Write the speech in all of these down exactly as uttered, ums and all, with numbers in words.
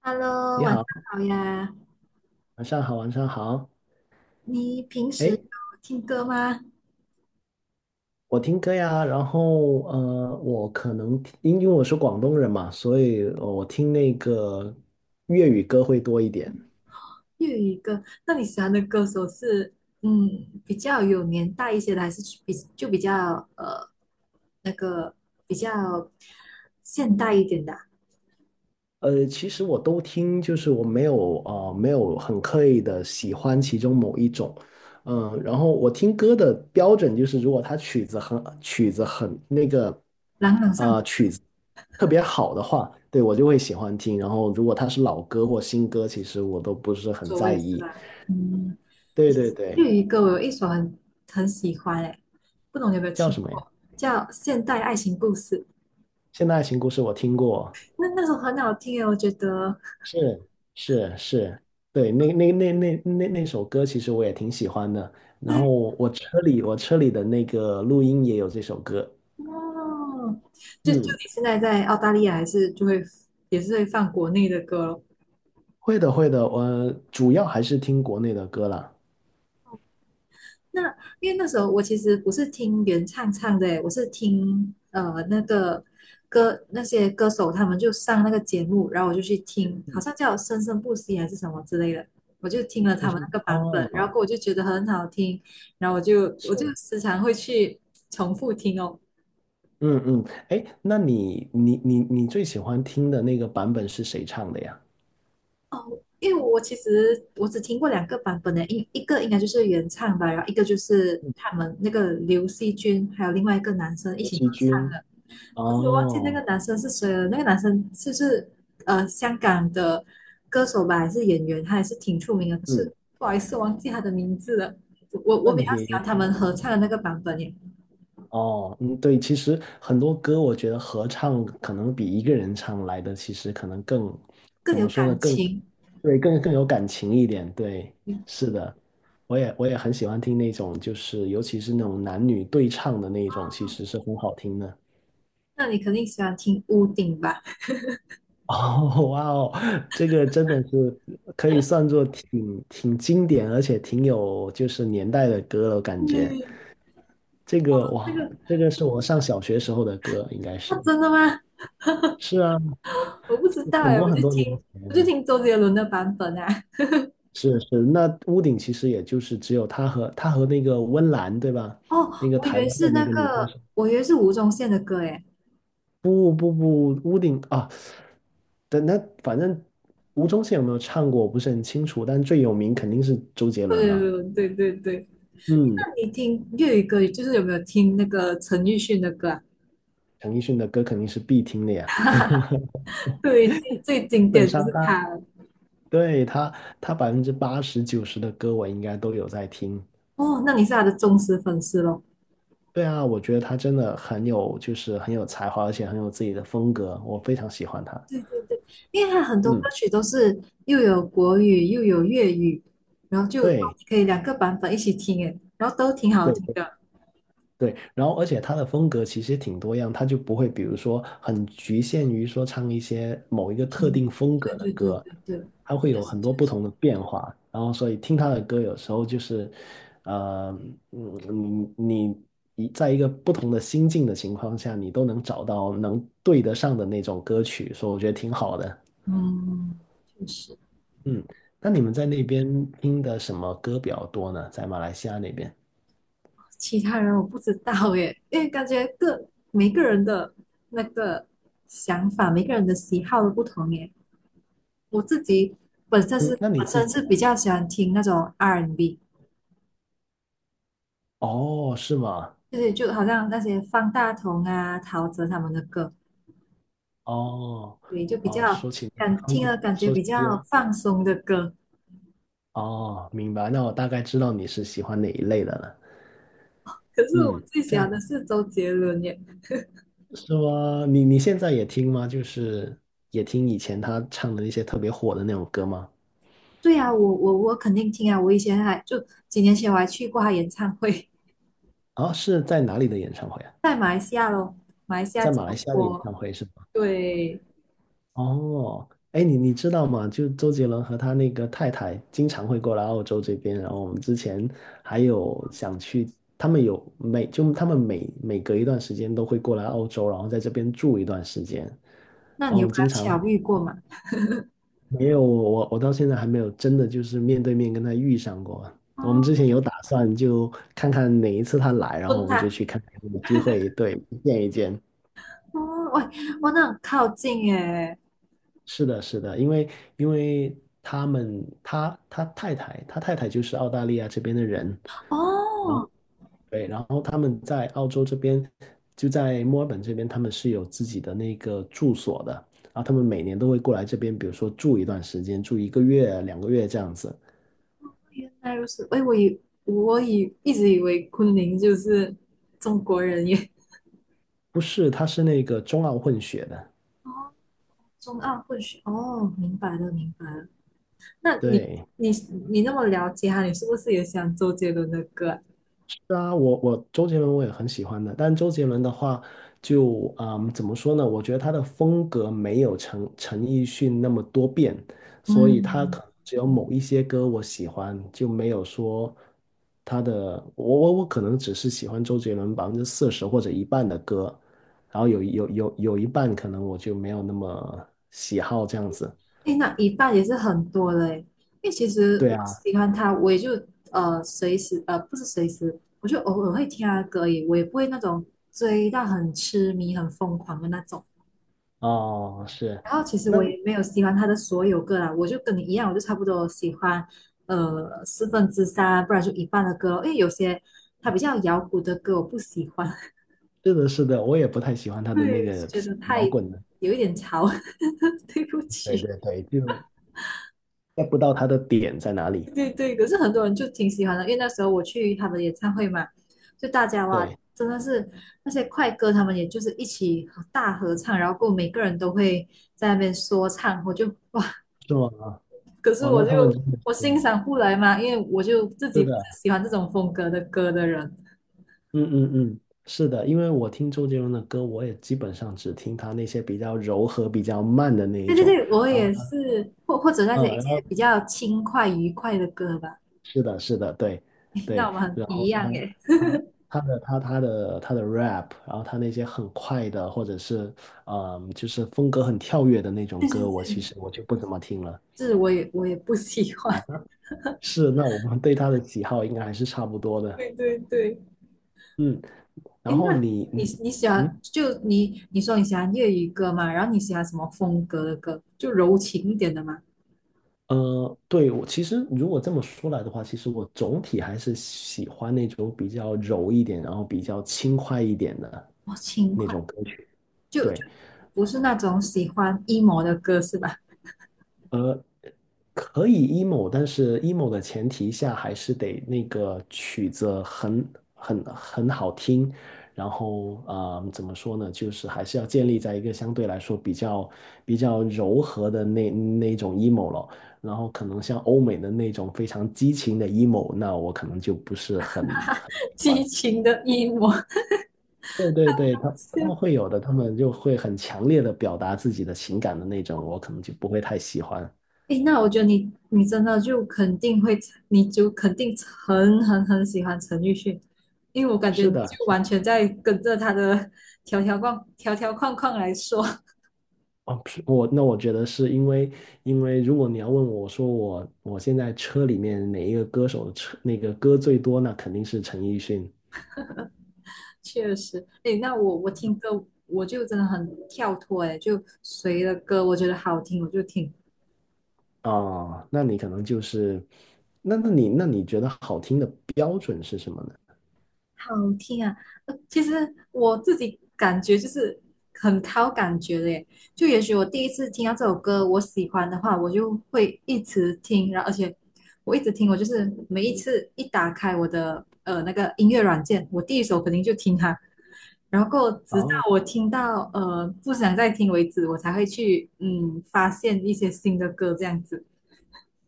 Hello，你晚上好，好呀。晚上好，晚上好。你平时哎，有听歌吗？我听歌呀，然后呃，我可能听因为我是广东人嘛，所以呃我听那个粤语歌会多一点。粤语歌？那你喜欢的歌手是嗯比较有年代一些的，还是比就比较呃那个比较现代一点的啊。呃，其实我都听，就是我没有呃没有很刻意的喜欢其中某一种，嗯、然后我听歌的标准就是，如果它曲子很曲子很那个朗朗上口，呃曲子特别好的话，对，我就会喜欢听。然后如果它是老歌或新歌，其实我都不是很所在谓是意。吧？嗯，对对对，粤语歌我有一首很很喜欢诶，不懂你有没有叫听什么呀？过？叫《现代爱情故事》，现代爱情故事我听过，那那首很好听诶，我觉得。是是是，对，那那那那那那首歌其实我也挺喜欢的。然后我车里我车里的那个录音也有这首歌。哦，就就嗯，你现在在澳大利亚，还是就会也是会放国内的歌咯。会的会的，我主要还是听国内的歌啦。那因为那时候我其实不是听原唱唱的诶，我是听呃那个歌那些歌手他们就上那个节目，然后我就去听，好像叫《生生不息》还是什么之类的，我就听了是他是。们那个版本，然后哦，过后我就觉得很好听，然后我就我就是，时常会去重复听哦。嗯嗯，哎，那你你你你最喜欢听的那个版本是谁唱的呀？哦，因为我其实我只听过两个版本的，一一个应该就是原唱吧，然后一个就是嗯，他们那个刘惜君还有另外一个男生一刘起惜合唱君。的，可是我忘记那个哦，男生是谁了。那个男生是不是呃香港的歌手吧，还是演员？他还是挺出名的，可嗯，是不好意思忘记他的名字了。我我问比较喜欢题。他们合唱的那个版本耶，哦，嗯，对，其实很多歌我觉得合唱可能比一个人唱来的，其实可能更，更怎有么说呢，感更，情。对，更更有感情一点。对，是的，我也我也很喜欢听那种，就是尤其是那种男女对唱的那种，其实是很好听的。那你肯定喜欢听屋顶吧？哦，哇哦，这个真的是可以算作挺挺经典，而且挺有就是年代的歌了，感觉嗯，这个那哇，个这个是我上小学时候的歌，应该啊，是。真的吗？是啊，我不知道很哎，多我很就多年听我就前，听周杰伦的版本啊。是是，那屋顶其实也就是只有他和他和那个温岚，对吧？哦，那个我以台为湾的是那那个女歌个，手，我以为是吴宗宪的歌哎。不不不，屋顶啊，等那反正吴宗宪有没有唱过，我不是很清楚，但最有名肯定是周杰周伦杰了。伦，对对对。嗯，那你听粤语歌，就是有没有听那个陈奕迅的歌啊？陈奕迅的歌肯定是必听的呀，基对，最最经本典就上是他他。对他他百分之八十九十的歌我应该都有在听。哦，那你是他的忠实粉丝咯。对啊，我觉得他真的很有，就是很有才华，而且很有自己的风格，我非常喜欢他。对对对，因为他很多歌嗯，曲都是又有国语又有粤语，然后就对。可以两个版本一起听诶，然后都挺好对听对的。对，然后而且他的风格其实挺多样，他就不会比如说很局限于说唱一些某一个特听，定风对格的对对歌，对对，他会确有实很多确不实。同的变化。然后所以听他的歌有时候就是，呃，嗯，你你一在一个不同的心境的情况下，你都能找到能对得上的那种歌曲，所以我觉得挺好的。嗯，确实，嗯，那你们在那边听的什么歌比较多呢？在马来西亚那边？其他人我不知道耶，因为感觉各每个人的那个想法，每个人的喜好都不同耶。我自己本身嗯，是那你本自身己是比呢？较喜欢听那种 R&B，哦，是吗？就是就好像那些方大同啊、陶喆他们的歌，哦，对，就比哦，较说起那个感韩听了国，感觉说比起较那个，放松的歌。哦，明白，那我大概知道你是喜欢哪一类的了。可是我嗯，最这喜样欢的是周杰伦耶。是说，你你现在也听吗？就是也听以前他唱的那些特别火的那种歌吗？对啊，我我我肯定听啊，我以前还就几年前我还去过他演唱会。啊、是在哪里的演唱会啊？在马来西亚咯，马来西亚在吉马来隆西亚的演坡。唱会是吗？对，哦，哎，你你知道吗？就周杰伦和他那个太太经常会过来澳洲这边，然后我们之前还有想去，他们有每就他们每每隔一段时间都会过来澳洲，然后在这边住一段时间，然那后你我有们跟他经常巧遇过吗？没有我我到现在还没有真的就是面对面跟他遇上过。哦，我们之前有打算就看看哪一次他来，然后蹲我们就他，去看看有没有机会对见一见。哦，喂，哇，那很靠近耶。是的，是的，因为因为他们他他太太他太太就是澳大利亚这边的人，然后哦，对，然后他们在澳洲这边就在墨尔本这边，他们是有自己的那个住所的，然后他们每年都会过来这边，比如说住一段时间，住一个月、两个月这样子。原来如此。哎，我以我以一直以为昆凌就是中国人耶。不是，他是那个中澳混血的，哦，中澳混血。哦，明白了，明白了。那你对，你你那么了解他，你是不是也喜欢周杰伦的歌啊。是啊，我我周杰伦我也很喜欢的，但周杰伦的话就，嗯怎么说呢？我觉得他的风格没有陈陈奕迅那么多变，所以他嗯。可能只有某一些歌我喜欢，就没有说他的我我我可能只是喜欢周杰伦百分之四十或者一半的歌，然后有有有有一半可能我就没有那么喜好这样子。哎，那一半也是很多的哎，因为其实对我啊，喜欢他，我也就呃随时呃不是随时，我就偶尔会听他的歌而已，我也不会那种追到很痴迷、很疯狂的那种。哦，是，然后其实那我也没有喜欢他的所有歌啦，我就跟你一样，我就差不多喜欢呃四分之三，不然就一半的歌咯，因为有些他比较摇滚的歌我不喜欢，是的，是的，我也不太喜欢 他的那对，个觉得太摇滚。的。有一点潮，对不对起。对对，就 get 不到他的点在哪里。对对，可是很多人就挺喜欢的，因为那时候我去他们演唱会嘛，就大家哇，对，真的是那些快歌，他们也就是一起合大合唱，然后过后每个人都会在那边说唱，我就哇，是吗？可是哦，我那就他们真的我是欣赏不来嘛，因为我就自是己不的，是喜欢这种风格的歌的人。嗯嗯嗯，是的，因为我听周杰伦的歌，我也基本上只听他那些比较柔和、比较慢的那一对对种。对，我然后也他，是，或或者那些嗯，一然些后比较轻快愉快的歌吧，是的，是的，对 那对，我们很然一后样他诶。他他的他他的他的 rap，然后他那些很快的，或者是嗯，就是风格很跳跃的那种对对歌，我其对，实我就不怎么听了。这是我也我也不喜欢。啊，是，那我们对他的喜好应该还是差不多 的。对对对。嗯。哎，然后那你，你你喜欢嗯，就你你说你喜欢粤语歌嘛？然后你喜欢什么风格的歌？就柔情一点的嘛？呃，对，我其实如果这么说来的话，其实我总体还是喜欢那种比较柔一点，然后比较轻快一点的哦，轻那快，种歌曲。就就对，不是那种喜欢 emo 的歌是吧？可以 emo，但是 emo 的前提下还是得那个曲子很很很好听，然后啊、呃怎么说呢，就是还是要建立在一个相对来说比较比较柔和的那那种 emo 了，然后可能像欧美的那种非常激情的 emo，那我可能就不是很很 喜激欢。情的 emo，对对对，他是他们啊。会有的，他们就会很强烈的表达自己的情感的那种，我可能就不会太喜欢。哎，那我觉得你你真的就肯定会，你就肯定很很很喜欢陈奕迅，因为我感觉是你的，就完全在跟着他的条条框条条框框来说。哦，是，我那我觉得是因为，因为如果你要问我，我说我我现在车里面哪一个歌手的车那个歌最多，那肯定是陈奕迅确实，哎，那我我听歌，我就真的很跳脱，哎，就谁的歌我觉得好听，我就听，啊。那你可能就是，那那你那你觉得好听的标准是什么呢？好听啊。呃其实我自己感觉就是很靠感觉的，耶，就也许我第一次听到这首歌，我喜欢的话，我就会一直听，然后而且我一直听，我就是每一次一打开我的呃那个音乐软件，我第一首肯定就听它，然后直到哦我听到呃不想再听为止，我才会去嗯发现一些新的歌这样子。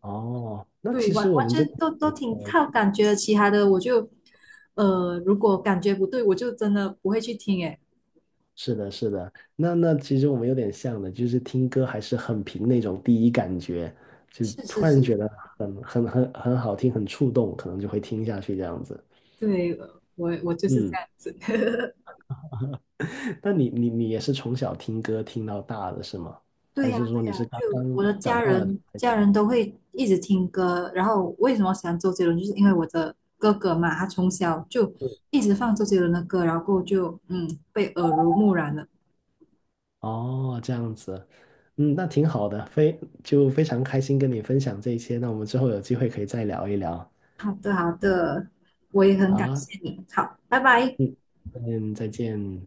哦，那对，其实完我完们这全都都挺靠感觉的，其他的我就呃如果感觉不对，我就真的不会去听。诶，是的，是的，那那其实我们有点像的，就是听歌还是很凭那种第一感觉，就是是突然是，觉得很很很很好听，很触动，可能就会听下去这样子。对，呃我我就是这嗯。样子。那你你你也是从小听歌听到大的是吗？对还呀，是说你对呀，是刚就刚我的长家大了？人，家人都会一直听歌。然后为什么喜欢周杰伦，就是因为我的哥哥嘛，他从小就一直放周杰伦的歌，然后过后就嗯被耳濡目染了。哦，这样子，嗯，那挺好的，非就非常开心跟你分享这一些。那我们之后有机会可以再聊一聊。好的，好的，我也很好感啊，谢你。好，拜拜。嗯，嗯，再见。